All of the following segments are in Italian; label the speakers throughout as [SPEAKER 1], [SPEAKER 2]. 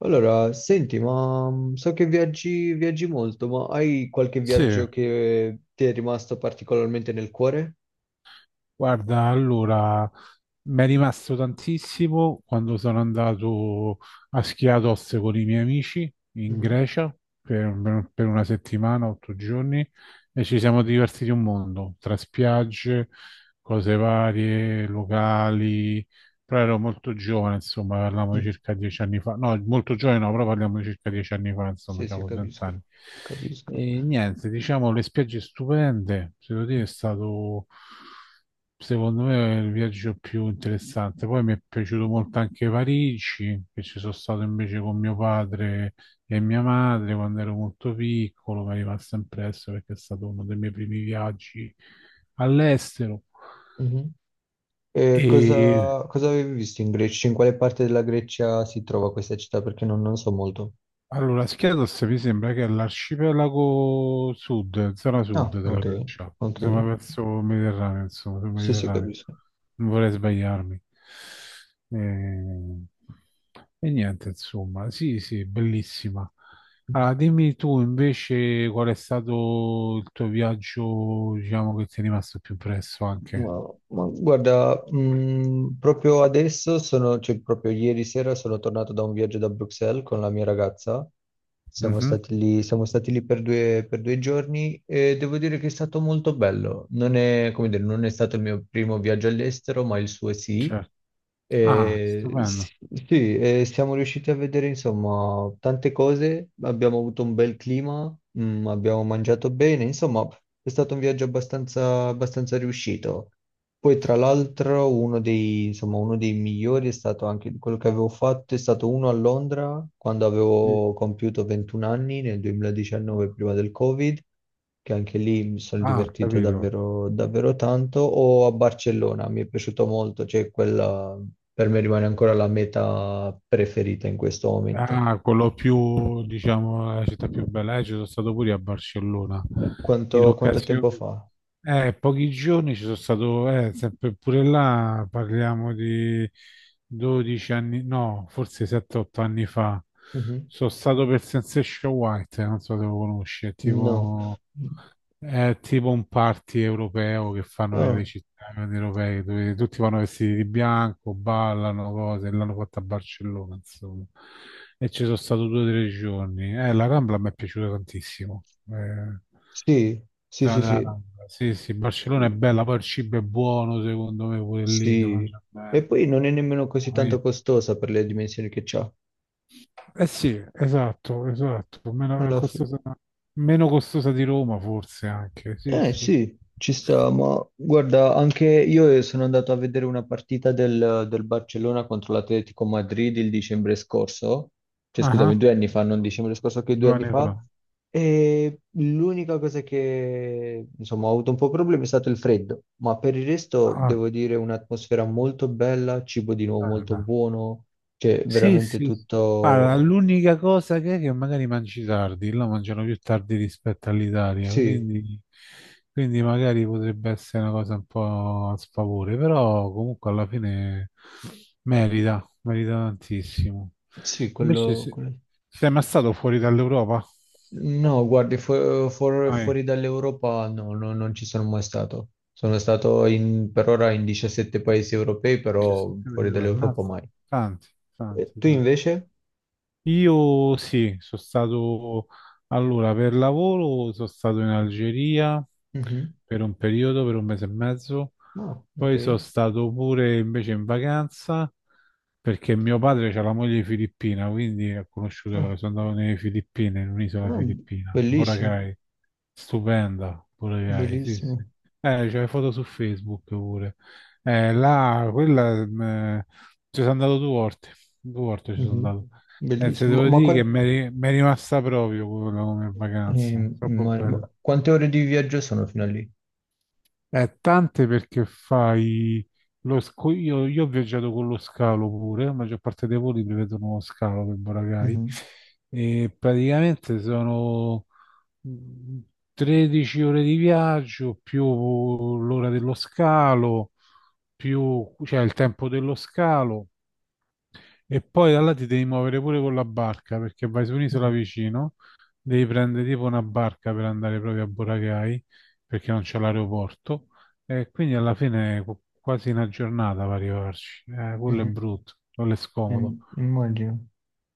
[SPEAKER 1] Allora, senti, ma so che viaggi, viaggi molto, ma hai qualche
[SPEAKER 2] Sì,
[SPEAKER 1] viaggio che ti è rimasto particolarmente nel cuore?
[SPEAKER 2] guarda, allora mi è rimasto tantissimo quando sono andato a Schiatos con i miei amici in
[SPEAKER 1] Mhm.
[SPEAKER 2] Grecia per una settimana, 8 giorni, e ci siamo divertiti un mondo, tra spiagge, cose varie, locali. Però ero molto giovane, insomma, parliamo di
[SPEAKER 1] Mm.
[SPEAKER 2] circa 10 anni fa. No, molto giovane no, però parliamo di circa dieci anni fa, insomma,
[SPEAKER 1] Sì, sì,
[SPEAKER 2] avevo 30 anni.
[SPEAKER 1] capisco, capisco.
[SPEAKER 2] E niente, diciamo, le spiagge stupende, se devo dire, è stato, secondo me, il viaggio più interessante. Poi mi è piaciuto molto anche Parigi, che ci sono stato invece con mio padre e mia madre quando ero molto piccolo, mi è rimasto impresso perché è stato uno dei miei primi viaggi all'estero.
[SPEAKER 1] Mhm. E
[SPEAKER 2] E
[SPEAKER 1] cosa avevi visto in Grecia? In quale parte della Grecia si trova questa città? Perché non so molto.
[SPEAKER 2] Allora, Schiatos mi sembra che è l'arcipelago sud, zona
[SPEAKER 1] Ah,
[SPEAKER 2] sud della
[SPEAKER 1] ok,
[SPEAKER 2] Grecia,
[SPEAKER 1] ok.
[SPEAKER 2] insomma verso il Mediterraneo, insomma, sul
[SPEAKER 1] Sì, sì,
[SPEAKER 2] Mediterraneo.
[SPEAKER 1] capisco.
[SPEAKER 2] Non vorrei sbagliarmi. E, e niente, insomma, sì, sì, bellissima. Ah, dimmi tu invece qual è stato il tuo viaggio, diciamo, che ti è rimasto più impresso anche.
[SPEAKER 1] Ma, ma guarda, proprio adesso sono, cioè proprio ieri sera sono tornato da un viaggio da Bruxelles con la mia ragazza. Siamo
[SPEAKER 2] Mhm,
[SPEAKER 1] stati lì, siamo stati lì per due giorni e devo dire che è stato molto bello. Non è, come dire, non è stato il mio primo viaggio all'estero, ma il suo sì.
[SPEAKER 2] certo. Ah,
[SPEAKER 1] Eh,
[SPEAKER 2] stupendo.
[SPEAKER 1] s- sì, siamo riusciti a vedere insomma tante cose, abbiamo avuto un bel clima, abbiamo mangiato bene, insomma è stato un viaggio abbastanza riuscito. Poi tra l'altro insomma, uno dei migliori è stato anche quello che avevo fatto, è stato uno a Londra quando
[SPEAKER 2] Sì.
[SPEAKER 1] avevo compiuto 21 anni nel 2019 prima del Covid, che anche lì mi sono
[SPEAKER 2] Ah, ho
[SPEAKER 1] divertito
[SPEAKER 2] capito.
[SPEAKER 1] davvero, davvero tanto, o a Barcellona, mi è piaciuto molto, cioè quella per me rimane ancora la meta preferita in questo momento.
[SPEAKER 2] Ah, quello più, diciamo, la città più bella. Ci sono stato pure a Barcellona in
[SPEAKER 1] Quanto tempo
[SPEAKER 2] occasione.
[SPEAKER 1] fa?
[SPEAKER 2] Pochi giorni ci sono stato, sempre pure là parliamo di 12 anni, no, forse 7-8 anni fa.
[SPEAKER 1] Mhm.
[SPEAKER 2] Sono stato per Sensation White, non so se lo conosci, è
[SPEAKER 1] No.
[SPEAKER 2] tipo è tipo un party europeo che fanno
[SPEAKER 1] Ah,
[SPEAKER 2] nelle città grandi europee dove tutti vanno vestiti di bianco, ballano cose, l'hanno fatta a Barcellona, insomma. E ci sono stato 2 o 3 giorni. La Rambla mi è piaciuta tantissimo. Eh,
[SPEAKER 1] sì, sì,
[SPEAKER 2] stata
[SPEAKER 1] sì,
[SPEAKER 2] la
[SPEAKER 1] sì.
[SPEAKER 2] Rambla. Sì, sì, Barcellona è bella, poi il cibo è buono, secondo me, pure lì, si
[SPEAKER 1] Sì.
[SPEAKER 2] mangia
[SPEAKER 1] E
[SPEAKER 2] bene.
[SPEAKER 1] poi non è nemmeno così
[SPEAKER 2] Ah,
[SPEAKER 1] tanto costosa per le dimensioni che c'ha.
[SPEAKER 2] eh sì, esatto, esatto, meno
[SPEAKER 1] Alla fine.
[SPEAKER 2] costosa, di Roma forse anche, sì,
[SPEAKER 1] Eh
[SPEAKER 2] sì. Sì.
[SPEAKER 1] sì, ci sta, ma guarda, anche io sono andato a vedere una partita del Barcellona contro l'Atletico Madrid il dicembre scorso, cioè
[SPEAKER 2] Ah,
[SPEAKER 1] scusami,
[SPEAKER 2] ah,
[SPEAKER 1] 2 anni fa, non dicembre scorso, che due
[SPEAKER 2] due
[SPEAKER 1] anni
[SPEAKER 2] anni
[SPEAKER 1] fa,
[SPEAKER 2] fa.
[SPEAKER 1] e l'unica cosa che insomma ho avuto un po' problemi è stato il freddo, ma per il resto
[SPEAKER 2] Ah,
[SPEAKER 1] devo dire un'atmosfera molto bella, cibo di nuovo molto
[SPEAKER 2] stupenda.
[SPEAKER 1] buono, cioè
[SPEAKER 2] Sì,
[SPEAKER 1] veramente
[SPEAKER 2] sì. Sì. Guarda,
[SPEAKER 1] tutto.
[SPEAKER 2] l'unica cosa che è che magari mangi tardi, là mangiano più tardi rispetto all'Italia,
[SPEAKER 1] Sì,
[SPEAKER 2] quindi magari potrebbe essere una cosa un po' a sfavore, però comunque alla fine merita, merita tantissimo.
[SPEAKER 1] sì,
[SPEAKER 2] Invece
[SPEAKER 1] quello, quello.
[SPEAKER 2] sei mai stato fuori dall'Europa?
[SPEAKER 1] No, guardi, fu- fuor-
[SPEAKER 2] Ah, eh.
[SPEAKER 1] fuori dall'Europa no, no, non ci sono mai stato. Sono stato per ora in 17 paesi europei, però
[SPEAKER 2] 17 milioni
[SPEAKER 1] fuori
[SPEAKER 2] di euro.
[SPEAKER 1] dall'Europa
[SPEAKER 2] Mazza,
[SPEAKER 1] mai.
[SPEAKER 2] tanti,
[SPEAKER 1] E
[SPEAKER 2] tanti,
[SPEAKER 1] tu
[SPEAKER 2] tanti.
[SPEAKER 1] invece?
[SPEAKER 2] Io sì, sono stato allora per lavoro, sono stato in Algeria
[SPEAKER 1] Mhm.
[SPEAKER 2] per un periodo, per un mese e mezzo,
[SPEAKER 1] Oh, ok.
[SPEAKER 2] poi sono stato pure invece in vacanza perché mio padre ha la moglie filippina, quindi ho
[SPEAKER 1] Ah,
[SPEAKER 2] conosciuto, sono andato nelle Filippine, in un'isola
[SPEAKER 1] ah,
[SPEAKER 2] filippina,
[SPEAKER 1] bellissimo,
[SPEAKER 2] Boracay, stupenda, Boracay, sì, sì.
[SPEAKER 1] bellissimo.
[SPEAKER 2] C'è le foto su Facebook pure. Là, quella, ci sono andato due volte ci sono
[SPEAKER 1] Mhm.
[SPEAKER 2] andato. Se
[SPEAKER 1] Bellissimo.
[SPEAKER 2] devo
[SPEAKER 1] Ma,
[SPEAKER 2] dire che
[SPEAKER 1] quan-
[SPEAKER 2] mi è rimasta proprio quello come vacanza,
[SPEAKER 1] ehm,
[SPEAKER 2] troppo
[SPEAKER 1] immag- ma
[SPEAKER 2] bella.
[SPEAKER 1] quante ore di viaggio sono fino a lì?
[SPEAKER 2] Tante perché fai io ho viaggiato con lo scalo pure, la maggior parte dei voli prevedono lo scalo per Boracay
[SPEAKER 1] Mhm.
[SPEAKER 2] e praticamente sono mh, 13 ore di viaggio più l'ora dello scalo, più cioè il tempo dello scalo. E poi da là ti devi muovere pure con la barca perché vai su un'isola vicino, devi prendere tipo una barca per andare proprio a Boracay perché non c'è l'aeroporto e quindi alla fine quasi una giornata per arrivarci. Quello è
[SPEAKER 1] Mhm.
[SPEAKER 2] brutto, quello è scomodo.
[SPEAKER 1] Immagino.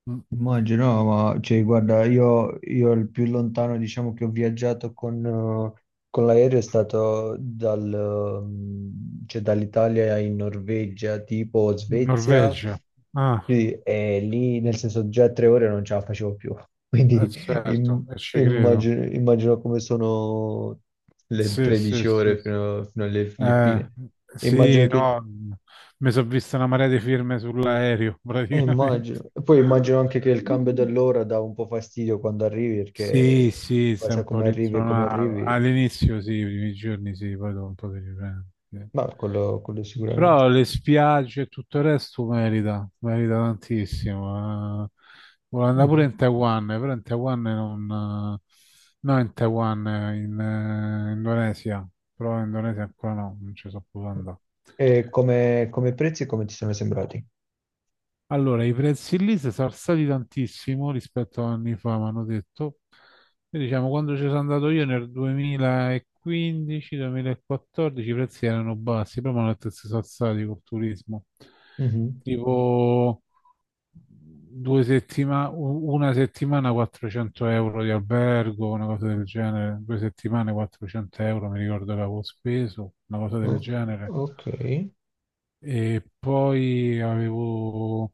[SPEAKER 2] Mm.
[SPEAKER 1] Immagino, no, ma cioè, guarda, io il più lontano diciamo che ho viaggiato con l'aereo è stato cioè, dall'Italia in Norvegia, tipo Svezia,
[SPEAKER 2] Norvegia. Ah,
[SPEAKER 1] sì, e lì nel senso già 3 ore non ce la facevo più, quindi
[SPEAKER 2] certo,
[SPEAKER 1] im-
[SPEAKER 2] e ci credo.
[SPEAKER 1] immagino come sono le
[SPEAKER 2] Sì, sì,
[SPEAKER 1] 13
[SPEAKER 2] sì.
[SPEAKER 1] ore
[SPEAKER 2] Sì.
[SPEAKER 1] fino alle
[SPEAKER 2] Eh,
[SPEAKER 1] Filippine.
[SPEAKER 2] sì,
[SPEAKER 1] Immagino che.
[SPEAKER 2] no, mi sono vista una marea di firme sull'aereo praticamente.
[SPEAKER 1] Immagino. E poi immagino anche che il cambio dell'ora dà un po' fastidio quando arrivi,
[SPEAKER 2] Sì,
[SPEAKER 1] perché
[SPEAKER 2] sì,
[SPEAKER 1] poi
[SPEAKER 2] sei
[SPEAKER 1] sai
[SPEAKER 2] un po'
[SPEAKER 1] come arrivi e come
[SPEAKER 2] rintronato.
[SPEAKER 1] arrivi,
[SPEAKER 2] All'inizio sì, i primi giorni sì, poi dopo un po' ti riprendi. Sì.
[SPEAKER 1] ma quello sicuramente.
[SPEAKER 2] Però le spiagge e tutto il resto merita, merita tantissimo. Volevo andare pure
[SPEAKER 1] Mhm.
[SPEAKER 2] in Taiwan, però in Taiwan non. No, in Taiwan, in Indonesia. Però in Indonesia ancora no, non ci so più andare.
[SPEAKER 1] E come prezzi, come ti sono sembrati?
[SPEAKER 2] Allora, i prezzi lì si sono alzati tantissimo rispetto a anni fa, mi hanno detto. E diciamo, quando ci sono andato io nel 2015-2014 i prezzi erano bassi, poi mi hanno detto che si sono alzati col turismo.
[SPEAKER 1] Mhm.
[SPEAKER 2] Tipo 2 settimane, una settimana 400 euro di albergo, una cosa del genere, 2 settimane 400 euro, mi ricordo che avevo speso, una cosa del
[SPEAKER 1] O-
[SPEAKER 2] genere.
[SPEAKER 1] ok.
[SPEAKER 2] E poi avevo.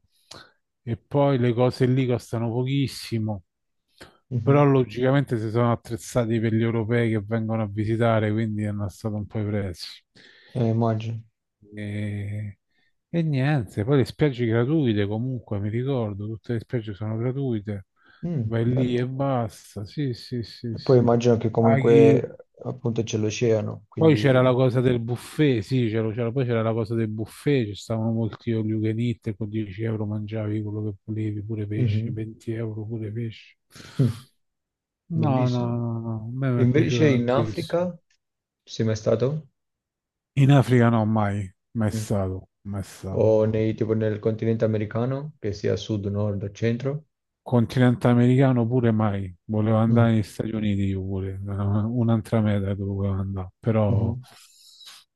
[SPEAKER 2] E poi le cose lì costano pochissimo, però
[SPEAKER 1] Mhm.
[SPEAKER 2] logicamente si sono attrezzati per gli europei che vengono a visitare, quindi hanno alzato un po' i prezzi.
[SPEAKER 1] Immagino.
[SPEAKER 2] E, e niente, poi le spiagge gratuite comunque, mi ricordo, tutte le spiagge sono gratuite,
[SPEAKER 1] Mm,
[SPEAKER 2] vai lì e
[SPEAKER 1] bello.
[SPEAKER 2] basta, sì, sì, sì,
[SPEAKER 1] E poi
[SPEAKER 2] sì.
[SPEAKER 1] immagino che
[SPEAKER 2] Paghi,
[SPEAKER 1] comunque appunto c'è l'oceano,
[SPEAKER 2] poi c'era
[SPEAKER 1] quindi.
[SPEAKER 2] la cosa del buffet, sì, poi c'era la cosa del buffet, ci stavano molti all you can eat, e con 10 euro mangiavi quello che volevi, pure pesce,
[SPEAKER 1] Mhm.
[SPEAKER 2] 20 euro pure pesce.
[SPEAKER 1] Mm,
[SPEAKER 2] No, no,
[SPEAKER 1] bellissimo.
[SPEAKER 2] no, no, a me mi è piaciuto
[SPEAKER 1] Invece in
[SPEAKER 2] tantissimo.
[SPEAKER 1] Africa, sei mai stato?
[SPEAKER 2] In Africa no, mai, mai
[SPEAKER 1] Mm.
[SPEAKER 2] stato, mai stato,
[SPEAKER 1] O
[SPEAKER 2] no.
[SPEAKER 1] nei, tipo, nel continente americano, che sia sud, nord o centro.
[SPEAKER 2] Continente americano pure mai, volevo
[SPEAKER 1] Mhm,
[SPEAKER 2] andare negli Stati Uniti io pure, era un'altra meta che volevo andare, però
[SPEAKER 1] mhm.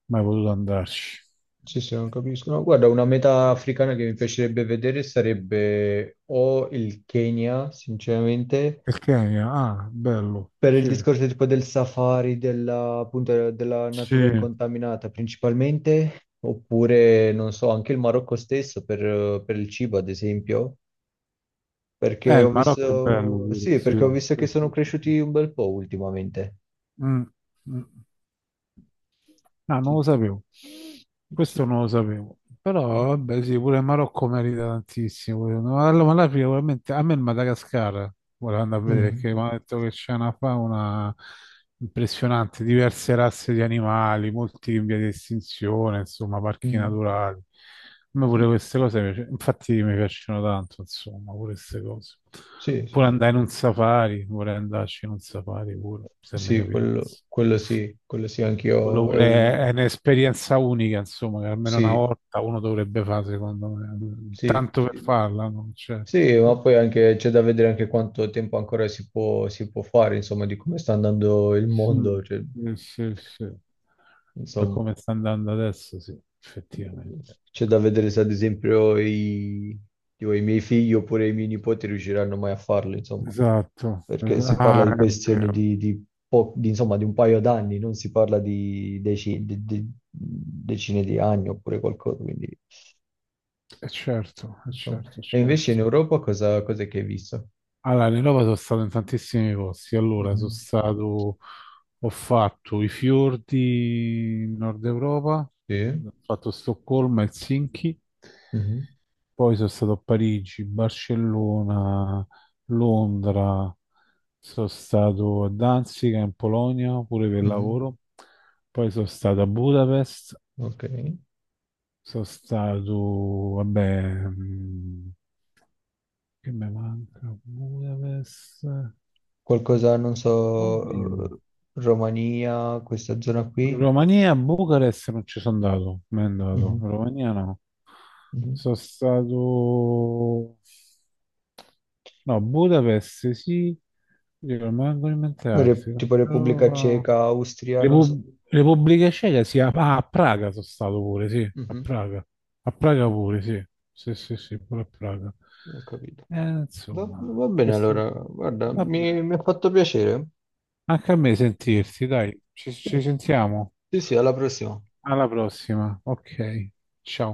[SPEAKER 2] mai potuto andarci.
[SPEAKER 1] Sì, sì, non capisco. No, guarda, una meta africana che mi piacerebbe vedere sarebbe o il Kenya, sinceramente,
[SPEAKER 2] Il Kenya, ah, bello,
[SPEAKER 1] per il
[SPEAKER 2] sì.
[SPEAKER 1] discorso tipo del safari, della, appunto, della natura
[SPEAKER 2] Sì,
[SPEAKER 1] incontaminata principalmente, oppure, non so, anche il Marocco stesso per il cibo, ad esempio, perché
[SPEAKER 2] Il
[SPEAKER 1] ho
[SPEAKER 2] Marocco è bello
[SPEAKER 1] visto,
[SPEAKER 2] pure,
[SPEAKER 1] sì,
[SPEAKER 2] sì,
[SPEAKER 1] perché ho visto
[SPEAKER 2] sì,
[SPEAKER 1] che sono
[SPEAKER 2] sì, sì, sì.
[SPEAKER 1] cresciuti un bel po' ultimamente.
[SPEAKER 2] Mm, mm. Ah, non lo
[SPEAKER 1] Sì,
[SPEAKER 2] sapevo.
[SPEAKER 1] sì.
[SPEAKER 2] Questo non lo sapevo. Però, vabbè, sì, pure il Marocco merita tantissimo. No, allora, ma l'Africa veramente, a me il Madagascar, volevo andare a vedere,
[SPEAKER 1] Mm,
[SPEAKER 2] perché mi ha detto che c'è una fauna impressionante, diverse razze di animali, molti in via di estinzione, insomma, parchi
[SPEAKER 1] mm,
[SPEAKER 2] naturali. A me
[SPEAKER 1] sì,
[SPEAKER 2] pure queste cose, infatti mi piacciono tanto, insomma, pure queste cose.
[SPEAKER 1] sì, sì,
[SPEAKER 2] Pure
[SPEAKER 1] sì,
[SPEAKER 2] andare in un safari, vorrei andarci in un safari pure, se mi
[SPEAKER 1] sì, quello,
[SPEAKER 2] capitasse.
[SPEAKER 1] quello sì,
[SPEAKER 2] Quello
[SPEAKER 1] anch'io,
[SPEAKER 2] pure è un'esperienza unica, insomma, che almeno una
[SPEAKER 1] sì,
[SPEAKER 2] volta uno dovrebbe fare, secondo me.
[SPEAKER 1] sì,
[SPEAKER 2] Tanto per
[SPEAKER 1] sì,
[SPEAKER 2] farla, no? Certo.
[SPEAKER 1] sì, ma poi anche c'è da vedere anche quanto tempo ancora si può, fare, insomma, di come sta andando il
[SPEAKER 2] Mm.
[SPEAKER 1] mondo, cioè,
[SPEAKER 2] Sì, sì. Per
[SPEAKER 1] insomma,
[SPEAKER 2] come sta andando adesso, sì, effettivamente.
[SPEAKER 1] c'è da vedere se ad esempio tipo, i miei figli oppure i miei nipoti riusciranno mai a farlo, insomma.
[SPEAKER 2] Esatto.
[SPEAKER 1] Perché si parla di
[SPEAKER 2] Ah, è
[SPEAKER 1] questioni
[SPEAKER 2] vero.
[SPEAKER 1] di, insomma, di un paio d'anni, non si parla di decine di anni oppure qualcosa, quindi
[SPEAKER 2] È certo, è
[SPEAKER 1] insomma.
[SPEAKER 2] certo, è
[SPEAKER 1] E invece
[SPEAKER 2] certo.
[SPEAKER 1] in Europa cos'è che hai visto?
[SPEAKER 2] Allora, in Europa sono stato in tantissimi posti. Allora,
[SPEAKER 1] Mhm.
[SPEAKER 2] ho fatto i fiordi in Nord Europa,
[SPEAKER 1] Sì.
[SPEAKER 2] ho fatto Stoccolma, Helsinki.
[SPEAKER 1] Mhm.
[SPEAKER 2] Poi sono stato a Parigi, Barcellona, Londra, sono stato a Danzica in Polonia pure per
[SPEAKER 1] Mhm.
[SPEAKER 2] lavoro, poi sono stato a Budapest,
[SPEAKER 1] Ok.
[SPEAKER 2] vabbè, che mi manca? Budapest,
[SPEAKER 1] Qualcosa, non
[SPEAKER 2] oddio,
[SPEAKER 1] so, Romania, questa zona qui?
[SPEAKER 2] Romania, Bucarest non ci sono andato, mi è andato,
[SPEAKER 1] Mhm.
[SPEAKER 2] Romania no,
[SPEAKER 1] Mhm.
[SPEAKER 2] sono stato No, Budapest sì, rimango alimentarsi.
[SPEAKER 1] Tipo Repubblica
[SPEAKER 2] Roma.
[SPEAKER 1] Ceca, Austria, non so.
[SPEAKER 2] Repubblica Ceca sì, a Praga sono stato pure, sì, a
[SPEAKER 1] Mhm.
[SPEAKER 2] Praga. A Praga pure, sì. Sì, sì, sì, pure a Praga.
[SPEAKER 1] Ho capito.
[SPEAKER 2] Eh,
[SPEAKER 1] Va,
[SPEAKER 2] insomma,
[SPEAKER 1] va bene
[SPEAKER 2] questi.
[SPEAKER 1] allora, guarda,
[SPEAKER 2] Vabbè.
[SPEAKER 1] mi ha fatto piacere.
[SPEAKER 2] Anche a me
[SPEAKER 1] Eh.
[SPEAKER 2] sentirsi, dai, ci sentiamo.
[SPEAKER 1] Sì, sì, alla prossima.
[SPEAKER 2] Alla prossima, ok, ciao.